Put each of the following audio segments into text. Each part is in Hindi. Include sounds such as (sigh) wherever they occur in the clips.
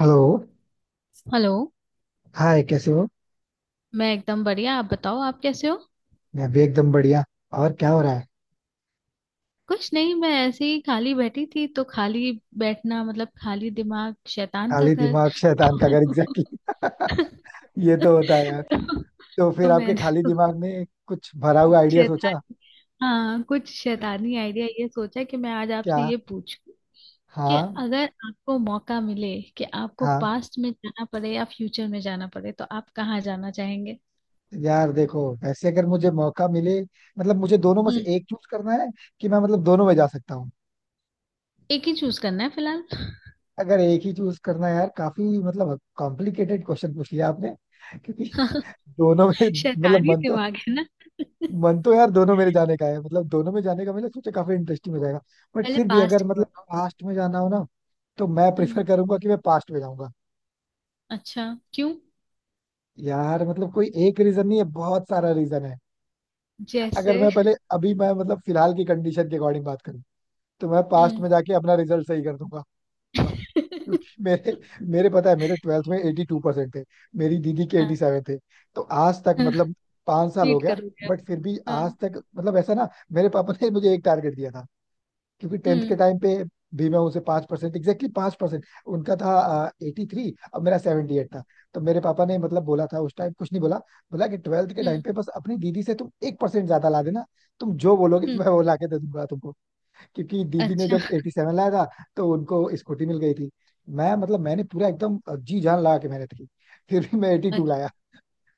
हेलो। हेलो। हाय कैसे हो। मैं एकदम बढ़िया। आप बताओ, आप कैसे हो? मैं भी एकदम बढ़िया। और क्या हो रहा है। कुछ नहीं, मैं ऐसे ही खाली बैठी थी, तो खाली बैठना मतलब खाली दिमाग शैतान का खाली घर। दिमाग शैतान का घर, एग्जैक्टली। (laughs) (laughs) ये तो होता है यार। तो तो फिर आपके मैंने खाली तो दिमाग में कुछ भरा हुआ आइडिया सोचा शैतानी। हाँ, कुछ शैतानी आइडिया, ये सोचा कि मैं आज क्या। आपसे ये पूछूं कि हाँ अगर आपको मौका मिले, कि आपको हाँ। पास्ट में जाना पड़े या फ्यूचर में जाना पड़े, तो आप कहाँ जाना चाहेंगे? यार देखो, वैसे अगर मुझे मौका मिले, मतलब मुझे दोनों में से हम्म। एक चूज करना है कि मैं, मतलब दोनों में जा सकता हूँ। एक ही चूज करना है फिलहाल। अगर एक ही चूज करना है यार, काफी मतलब कॉम्प्लिकेटेड क्वेश्चन पूछ लिया आपने, क्योंकि (laughs) (laughs) दोनों में मतलब शैतानी मन तो, दिमाग है ना। मन तो यार दोनों मेरे जाने का है, मतलब दोनों में जाने का मैंने सोचा काफी इंटरेस्टिंग हो जाएगा। बट पहले फिर भी पास्ट अगर का मतलब बताओ। पास्ट में जाना हो ना, तो मैं हम्म। प्रेफर करूंगा कि मैं पास्ट में जाऊंगा। अच्छा। क्यों? यार मतलब कोई एक रीजन नहीं है, बहुत सारा रीजन है। जैसे? अगर मैं पहले अभी मैं मतलब फिलहाल की कंडीशन के अकॉर्डिंग बात करूं, तो मैं पास्ट हम्म। में जाके अपना रिजल्ट सही कर दूंगा। (laughs) क्योंकि मेरे मेरे पता है मेरे ट्वेल्थ में एटी टू परसेंट थे। मेरी दीदी के एटी सेवन थे। तो आज तक हाँ, मतलब पांच साल हो रीड गया। कर लिया। बट फिर भी हाँ। आज तक मतलब ऐसा ना। मेरे पापा ने मुझे एक टारगेट दिया था। क्योंकि टेंथ के हम्म। टाइम पे भी मैं उसे पांच परसेंट, एग्जैक्टली पांच परसेंट उनका था, एटी थ्री और मेरा सेवेंटी एट था। तो मेरे पापा ने मतलब बोला था, उस टाइम कुछ नहीं बोला। बोला कि ट्वेल्थ के टाइम हम्म। पे बस अपनी दीदी से तुम एक परसेंट ज्यादा ला देना। तुम जो बोलोगे (laughs) हम्म। मैं वो ला के दे दूंगा तुमको। क्योंकि दीदी ने अच्छा। जब एटी सेवन लाया था तो उनको स्कूटी मिल गई थी। मैं, मतलब मैंने पूरा एकदम जी जान लगा के मेहनत की। फिर भी मैं एटी टू अच्छा। लाया।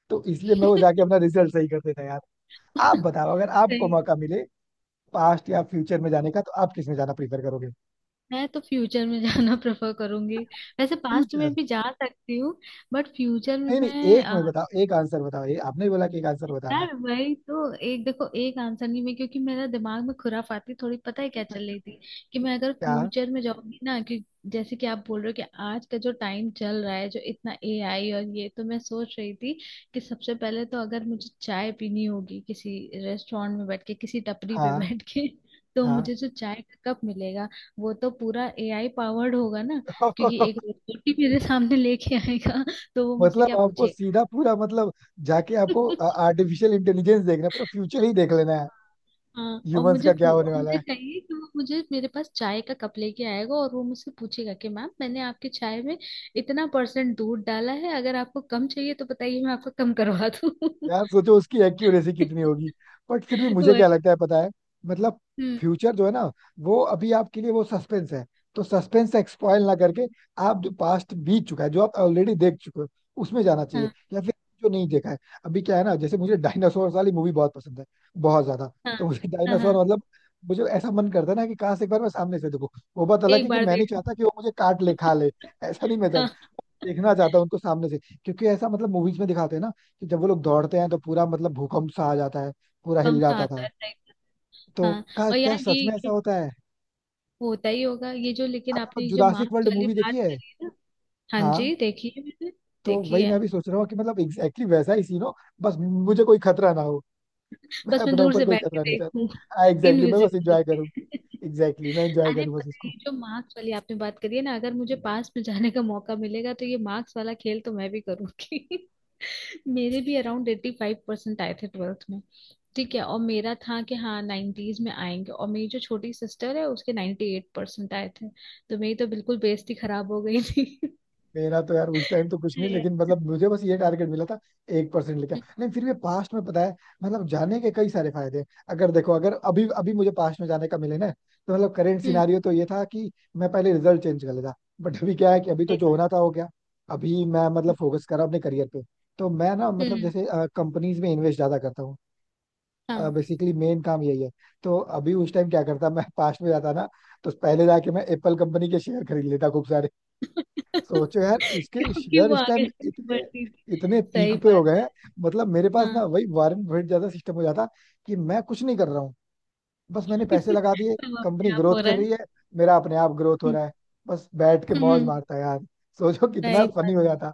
तो इसलिए मैं वो (laughs) जाके अपना रिजल्ट सही कर देता यार। आप बताओ अगर सही आपको है। मौका मिले पास्ट या फ्यूचर में जाने का, तो आप किस में जाना प्रीफर करोगे। मैं तो फ्यूचर में जाना प्रेफर करूंगी। वैसे पास्ट फ्यूचर। में भी जा सकती हूँ, बट फ्यूचर में नहीं नहीं, मैं, एक में बताओ, एक आंसर बताओ, ये आपने ही बोला कि एक आंसर बताना है। यार वही तो, एक देखो, एक आंसर नहीं। मैं क्योंकि मेरा दिमाग में खुराफाती, थोड़ी पता है क्या चल रही थी, कि मैं अगर क्या। फ्यूचर में जाऊंगी ना, कि जैसे कि आप बोल रहे हो कि आज का जो टाइम चल रहा है, जो इतना एआई, और ये तो मैं सोच रही थी कि सबसे पहले तो अगर मुझे चाय पीनी होगी किसी रेस्टोरेंट में बैठ के, किसी टपरी पे हाँ बैठ के, (laughs) तो हाँ। मुझे जो चाय का कप मिलेगा वो तो पूरा एआई पावर्ड होगा ना, क्योंकि एक (laughs) रोबोट ही मेरे सामने लेके आएगा, तो वो मुझसे मतलब क्या आपको पूछेगा। सीधा पूरा, मतलब जाके आपको (laughs) आर्टिफिशियल इंटेलिजेंस देखना है, पूरा फ्यूचर ही देख लेना है। हाँ, और ह्यूमंस मुझे का क्या होने वाला मुझे है। कहिए कि वो मुझे मेरे पास चाय का कप लेके आएगा, और वो मुझसे पूछेगा कि मैम, मैंने आपकी चाय में इतना परसेंट दूध डाला है, अगर आपको कम चाहिए तो बताइए, मैं आपको कम करवा दूँ। यार सोचो उसकी एक्यूरेसी कितनी (laughs) होगी। बट फिर भी मुझे क्या वही। लगता है पता है, मतलब हम्म। फ्यूचर जो है ना, वो अभी आपके लिए वो सस्पेंस है। तो सस्पेंस एक्सपॉयल ना करके, आप जो पास्ट बीत चुका है, जो आप ऑलरेडी देख चुके हो, उसमें जाना चाहिए, हाँ। या फिर जो नहीं देखा है। अभी क्या है ना, जैसे मुझे डायनासोर वाली मूवी बहुत पसंद है, बहुत ज्यादा। हाँ। तो मुझे हाँ। हाँ, डायनासोर, मतलब मुझे ऐसा मन करता है ना कि काश एक बार मैं सामने से देखूं। वो बात अलग एक है कि बार मैं नहीं देख चाहता कि वो मुझे काट ले खा लो। ले। (laughs) ऐसा नहीं मैं हाँ, चाहता। देखना चाहता हूँ उनको सामने से। क्योंकि ऐसा मतलब मूवीज में दिखाते हैं ना, कि जब वो लोग दौड़ते हैं तो पूरा मतलब भूकंप सा आ जाता है, पूरा हिल कम सा जाता आता था। है, सही बात। तो हाँ, क्या और क्या यार ये, सच में ऐसा ये होता है। होता ही होगा, ये जो, लेकिन आपने वो आपने ये जो जुरासिक मार्क्स वर्ल्ड वाली मूवी देखी बात है। करी है ना। हाँ हाँ। जी, देखिए मैंने तो देखी वही है। मैं भी सोच रहा हूँ कि मतलब एग्जैक्टली exactly वैसा ही सीन हो। बस मुझे कोई खतरा ना हो। मैं बस मैं अपने दूर ऊपर से कोई बैठ के खतरा नहीं देखूं। चाहता, हाँ (laughs) एग्जैक्टली exactly, मैं बस इनविजिबल। एंजॉय करूँ। एग्जैक्टली exactly, मैं एंजॉय अरे करूँ बस पता है, उसको। ये जो मार्क्स वाली आपने बात करी है ना, अगर मुझे पास में जाने का मौका मिलेगा तो ये मार्क्स वाला खेल तो मैं भी करूंगी। (laughs) मेरे भी अराउंड 85% आए थे 12th में। ठीक है, और मेरा था कि हाँ नाइन्टीज में आएंगे, और मेरी जो छोटी सिस्टर है उसके 98% आए थे। तो मेरी तो बिल्कुल बेइज्जती खराब हो गई थी। (laughs) मेरा तो यार उस टाइम तो कुछ नहीं, हम्म। लेकिन मतलब मुझे बस ये टारगेट मिला था, एक परसेंट लेके आओ। नहीं फिर भी पास्ट में पता है, मतलब जाने के कई सारे फायदे हैं। अगर देखो, अगर अभी अभी मुझे पास्ट में जाने का मिले ना, तो मतलब करेंट हम्म। सिनारियो तो ये था कि मैं पहले रिजल्ट चेंज कर लेता। बट अभी क्या है कि अभी तो सही जो बात होना था हो गया। अभी मैं है। मतलब फोकस कर रहा हूं अपने करियर पे। तो मैं ना, मतलब हम्म। जैसे कंपनीज में इन्वेस्ट ज्यादा करता हूँ, हाँ। बेसिकली मेन काम यही है। तो अभी उस टाइम क्या करता, मैं पास्ट में जाता ना, तो पहले जाके मैं एप्पल कंपनी के शेयर खरीद लेता खूब सारे। (laughs) सोचो यार, उसके क्योंकि शेयर वो इस आगे टाइम जाके इतने बढ़ती थी। इतने पीक सही पे हो बात गए हैं। है। मतलब मेरे पास हाँ। ना वही वारंट बफेट ज्यादा सिस्टम हो जाता कि मैं कुछ नहीं कर रहा हूँ, बस मैंने पैसे (laughs) लगा दिए। सब अपने कंपनी आप ग्रोथ हो रहा कर है। रही है, मेरा अपने आप ग्रोथ हो हम्म। रहा है। बस बैठ के मौज हम्म। मारता यार। सोचो कितना सही फनी बात हो जाता,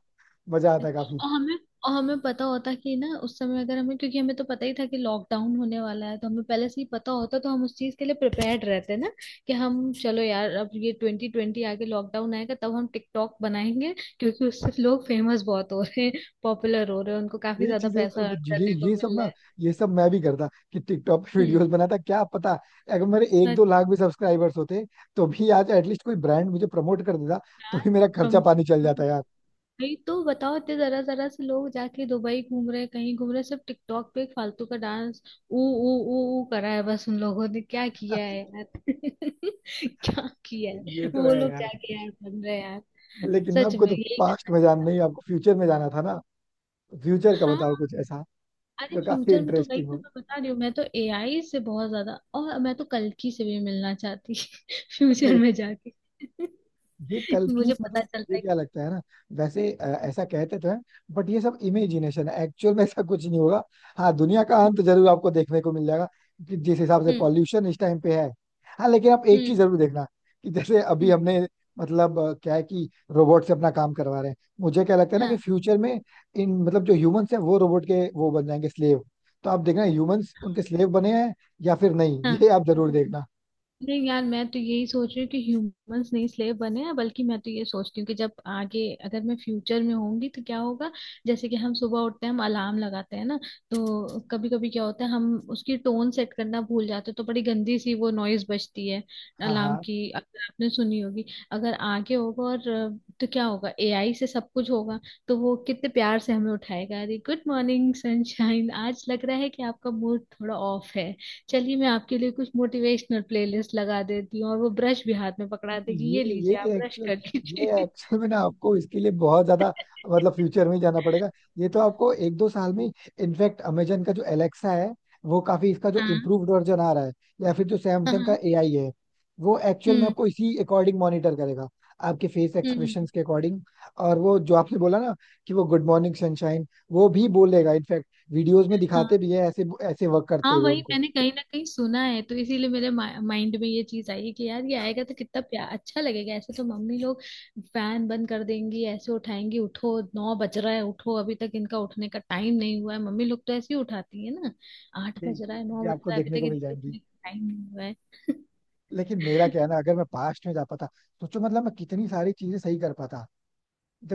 मजा है। आता काफी। और हमें और हमें पता होता कि ना, उस समय अगर हमें, क्योंकि हमें तो पता ही था कि लॉकडाउन होने वाला है, तो हमें पहले से ही पता होता, तो हम उस चीज के लिए प्रिपेयर्ड रहते ना, कि हम चलो यार, अब ये 2020 आगे लॉकडाउन आएगा, तब हम टिकटॉक बनाएंगे, क्योंकि उससे लोग फेमस बहुत हो रहे हैं, पॉपुलर हो रहे हैं, उनको काफी ये ज्यादा चीजें सर, पैसा वो अर्न ये करने को ये सब मिल रहा ना, है। ये सब मैं भी करता कि टिकटॉक पे वीडियोस बनाता, क्या पता अगर मेरे एक हम्म। दो लाख भी सब्सक्राइबर्स होते तो भी आज एटलीस्ट कोई ब्रांड मुझे प्रमोट कर देता, तो भी मेरा खर्चा प्रम- पानी चल जाता यार। नहीं तो बताओ, इतने जरा जरा से लोग जाके दुबई घूम रहे, कहीं घूम रहे, सिर्फ टिकटॉक पे एक फालतू का डांस ऊ ऊ ऊ ऊ करा है, बस उन लोगों ने क्या किया है यार। (laughs) क्या किया है, ये तो वो है लोग यार, जाके यार बन रहे हैं यार। लेकिन सच आपको में तो यही पास्ट करना में चाहिए जान था। नहीं, आपको फ्यूचर में जाना था ना। फ्यूचर का हाँ। बताओ, कुछ ऐसा अरे जो काफी फ्यूचर में तो वही इंटरेस्टिंग तो मैं बता रही हूँ, मैं तो एआई से बहुत ज्यादा, और मैं तो कल्कि से भी मिलना चाहती (laughs) फ्यूचर हो। में जाके। ये (laughs) कल की मुझे मतलब, पता चलता मुझे है। क्या लगता है ना, वैसे कि- ऐसा कहते तो हैं, बट ये सब इमेजिनेशन है, एक्चुअल में ऐसा कुछ नहीं होगा। हाँ, दुनिया का अंत जरूर आपको देखने को मिल जाएगा, कि जिस हिसाब से हम्म। पॉल्यूशन इस टाइम पे है। हाँ लेकिन आप हम्म। एक हम्म। चीज जरूर देखना, कि जैसे अभी हम्म। हमने मतलब क्या है कि रोबोट से अपना काम करवा रहे हैं, मुझे क्या लगता है ना कि हाँ, फ्यूचर में इन मतलब जो ह्यूमंस हैं वो रोबोट के वो बन जाएंगे स्लेव। तो आप देखना ह्यूमंस उनके स्लेव बने हैं या फिर नहीं, हाँ। ये आप जरूर देखना। नहीं यार, मैं तो यही सोच रही हूँ कि ह्यूमंस नहीं स्लेव बने हैं, बल्कि मैं तो ये सोचती हूँ कि जब आगे, अगर मैं फ्यूचर में होंगी तो क्या होगा। जैसे कि हम सुबह उठते हैं, हम अलार्म लगाते हैं ना, तो कभी कभी क्या होता है, हम उसकी टोन सेट करना भूल जाते हैं, तो बड़ी गंदी सी वो नॉइज बजती है हाँ अलार्म हाँ। की, अगर आपने सुनी होगी। अगर आगे होगा, और तो क्या होगा, एआई से सब कुछ होगा, तो वो कितने प्यार से हमें उठाएगा, अरे गुड मॉर्निंग सनशाइन, आज लग रहा है कि आपका मूड थोड़ा ऑफ है, चलिए मैं आपके लिए कुछ मोटिवेशनल प्लेलिस्ट लगा देती हूँ। और वो ब्रश भी हाथ में पकड़ा देगी, ये ये ये लीजिए आप ब्रश एक्चुअल कर ये लीजिए। एक्चुअल में ना आपको इसके लिए बहुत ज्यादा, मतलब (laughs) फ्यूचर में ही जाना पड़ेगा। ये तो आपको एक दो साल में, इनफैक्ट अमेजन का जो एलेक्सा है वो काफी, इसका जो हाँ, इम्प्रूव्ड वर्जन आ रहा है, या फिर जो सैमसंग का हाँ। एआई है, वो एक्चुअल में हम्म। आपको इसी अकॉर्डिंग मॉनिटर करेगा, आपके फेस हम्म। एक्सप्रेशंस के अकॉर्डिंग। और वो जो आपने बोला ना कि वो गुड मॉर्निंग सनशाइन, वो भी बोलेगा, इनफैक्ट वीडियोस में हाँ, दिखाते भी है ऐसे ऐसे वर्क करते हाँ, हुए वही उनको। मैंने कहीं ना कहीं सुना है, तो इसीलिए मेरे माइंड में ये चीज आई है कि यार, ये आएगा तो कितना प्या अच्छा लगेगा। ऐसे तो मम्मी लोग फैन बंद कर देंगी, ऐसे उठाएंगी, उठो 9 बज रहा है, उठो, अभी तक इनका उठने का टाइम नहीं हुआ है। मम्मी लोग तो ऐसे ही उठाती है ना, 8 ये बज रहा ये है, नौ चीजें बज आपको रहा है, अभी देखने तक को मिल इनका जाएंगी। उठने का टाइम नहीं हुआ है। लेकिन मेरा क्या है ना, अगर मैं पास्ट में जा पाता, सोचो मतलब मैं कितनी सारी चीजें सही कर पाता।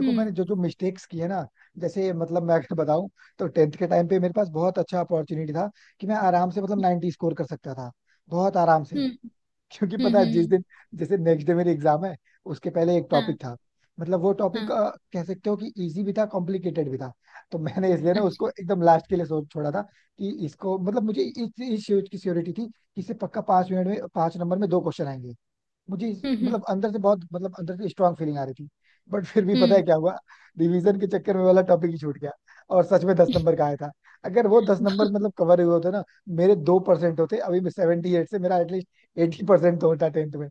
(laughs) हम्म। मैंने जो जो मिस्टेक्स की है ना, जैसे मतलब मैं अगर बताऊं, तो टेंथ के टाइम पे मेरे पास बहुत अच्छा अपॉर्चुनिटी था कि मैं आराम से मतलब हम्म। 90 स्कोर कर सकता था, बहुत आराम से। क्योंकि हम्म। पता है हम्म। जिस हम्म। दिन, जैसे नेक्स्ट डे मेरी एग्जाम है, उसके पहले एक हाँ, टॉपिक था, मतलब वो टॉपिक हाँ, कह सकते हो कि इजी भी था कॉम्प्लिकेटेड भी था। तो मैंने इसलिए ना उसको अच्छा। एकदम लास्ट के लिए सोच छोड़ा था, कि इसको मतलब मुझे इस चीज की श्योरिटी थी कि इसे पक्का पांच मिनट में पांच नंबर में दो क्वेश्चन आएंगे। हम्म। हम्म। मतलब अंदर से बहुत मतलब अंदर से स्ट्रांग फीलिंग आ रही थी। बट फिर भी पता है हम्म। क्या हुआ, रिवीजन के चक्कर में वाला टॉपिक ही छूट गया, और सच में दस नंबर का आया था। अगर वो दस नंबर मतलब कवर हुए होते ना, मेरे दो परसेंट होते, अभी मैं 78 से मेरा एटलीस्ट एटी परसेंट तो होता टेंथ में।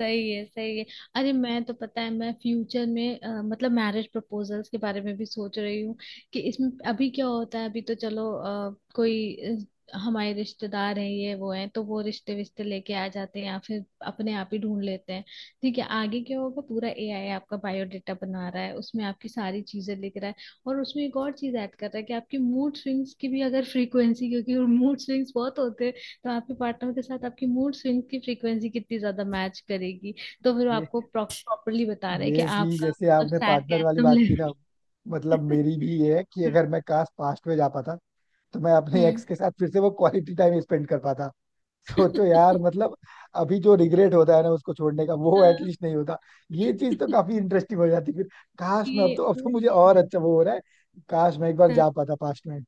सही है, सही है। अरे मैं तो, पता है, मैं फ्यूचर में मतलब मैरिज प्रपोजल्स के बारे में भी सोच रही हूँ, कि इसमें अभी क्या होता है, अभी तो चलो कोई हमारे रिश्तेदार हैं, ये वो हैं, तो वो रिश्ते विश्ते लेके आ जाते हैं, या फिर अपने आप ही ढूंढ लेते हैं। ठीक है, आगे क्या होगा, पूरा एआई आपका बायोडेटा बना रहा है, उसमें आपकी सारी चीजें लिख रहा है, और उसमें एक और चीज ऐड कर रहा है कि आपकी मूड स्विंग्स की भी अगर फ्रीक्वेंसी, क्योंकि मूड स्विंग्स बहुत होते, तो आपके पार्टनर के साथ आपकी मूड स्विंग की फ्रीक्वेंसी कितनी ज्यादा मैच करेगी, तो फिर वो ये आपको प्रॉपरली बता रहे हैं कि ये चीज, आपका जैसे मतलब आपने सैड का पार्टनर वाली एकदम बात की ना, लेवल। मतलब मेरी भी ये है कि अगर मैं काश पास्ट में जा पाता तो मैं अपने हम्म। एक्स के साथ फिर से वो क्वालिटी टाइम स्पेंड कर पाता। सोचो (laughs) यार मतलब, अभी जो रिग्रेट होता है ना उसको छोड़ने का, वो एटलीस्ट नहीं होता, ये चीज तो काफी इंटरेस्टिंग हो जाती फिर। काश मैं, ये अब तो और मुझे क्या। और अच्छा वो हो रहा है, काश मैं एक बार हाँ, जा पाता पास्ट में।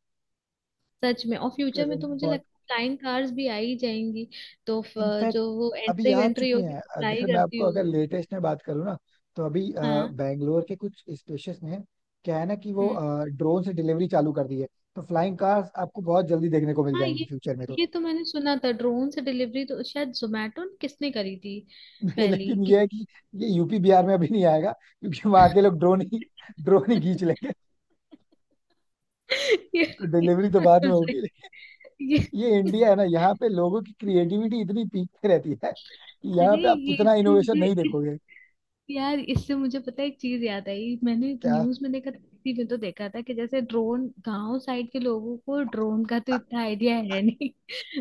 सच में। और फ्यूचर में कसम तो से मुझे बहुत। लगता है फ्लाइंग कार्स भी आ ही जाएंगी, तो इनफैक्ट जो वो अभी एंट्री आ वेंट्री चुकी होगी, हैं, तो फ्लाई अगर मैं करती आपको, अगर होगी। लेटेस्ट में बात करूँ ना, तो अभी हाँ। बैंगलोर के कुछ स्पेशस में क्या है ना कि वो हम्म। ड्रोन से डिलीवरी चालू कर दी है। तो फ्लाइंग कार्स आपको बहुत जल्दी देखने को मिल हाँ। जाएंगी ये फ्यूचर में तो। ये तो मैंने सुना था, ड्रोन से डिलीवरी तो शायद जोमेटो ने, किसने करी थी नहीं पहली, लेकिन ये कि। है कि ये यूपी बिहार में अभी नहीं आएगा, क्योंकि वहां के लोग ड्रोन ही खींच (laughs) लेंगे। ये, तो ये डिलीवरी तो बात बाद में तो सही। होगी। ये, ये इंडिया है ना, यहाँ पे लोगों की क्रिएटिविटी इतनी पीक पे रहती है कि यहाँ अरे पे आप ये, इतना इससे इनोवेशन मुझे, नहीं इस, देखोगे। यार इससे मुझे पता है एक चीज याद आई। मैंने क्या, न्यूज में देखा था, किसी में तो देखा था कि जैसे ड्रोन, गांव साइड के लोगों को ड्रोन का तो इतना आइडिया है नहीं।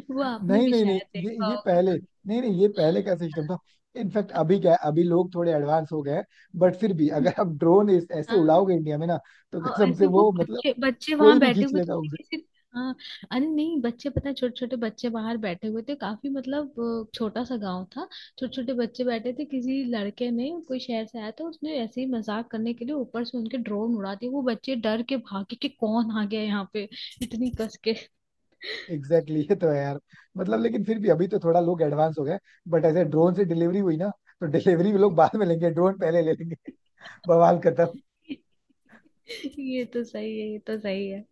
(laughs) वो आपने नहीं भी नहीं नहीं, शायद ये देखा ये होगा। पहले, नहीं नहीं, ये पहले का सिस्टम था। इनफैक्ट अभी क्या है, अभी लोग थोड़े एडवांस हो गए हैं। बट फिर भी अगर आप ड्रोन ऐसे उड़ाओगे इंडिया में ना, तो और कसम से ऐसे वो वो मतलब बच्चे बच्चे कोई वहां भी बैठे खींच हुए थे, लेगा मैंने उसे। किसी। हाँ। अरे नहीं, बच्चे पता है, छोटे छोटे बच्चे बाहर बैठे हुए थे, काफी मतलब, छोटा सा गांव था, छोटे छोटे बच्चे बैठे थे, किसी लड़के ने, कोई शहर से आया था, उसने ऐसे ही मजाक करने के लिए ऊपर से उनके ड्रोन उड़ा दिए, वो बच्चे डर के भागे कि कौन आ गया यहाँ पे इतनी कस के। एग्जैक्टली exactly, ये तो है यार, मतलब लेकिन फिर भी अभी तो थोड़ा लोग एडवांस हो गए। बट ऐसे ड्रोन से डिलीवरी हुई ना, तो डिलीवरी भी लोग बाद में लेंगे, ड्रोन पहले ले लेंगे। (laughs) बवाल खत्म। (laughs) ये तो सही है, ये तो सही है।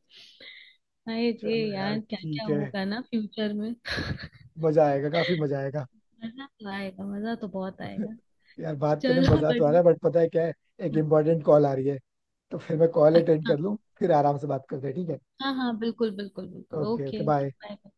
अरे रे चलो यार यार, क्या ठीक क्या है, होगा ना फ्यूचर में। मजा आएगा, काफी (laughs) मजा आएगा। मजा तो आएगा, मजा तो बहुत (laughs) आएगा। यार बात करने में चलो हाँ, मजा तो आ बढ़िया। रहा है, बट पता है क्या है, एक हाँ, इम्पोर्टेंट कॉल आ रही है, तो फिर मैं कॉल अटेंड अच्छा। कर लूँ, फिर आराम से बात करते हैं, ठीक है। हाँ, हाँ, बिल्कुल, बिल्कुल, बिल्कुल, okay okay okay, okay, bye. Bye.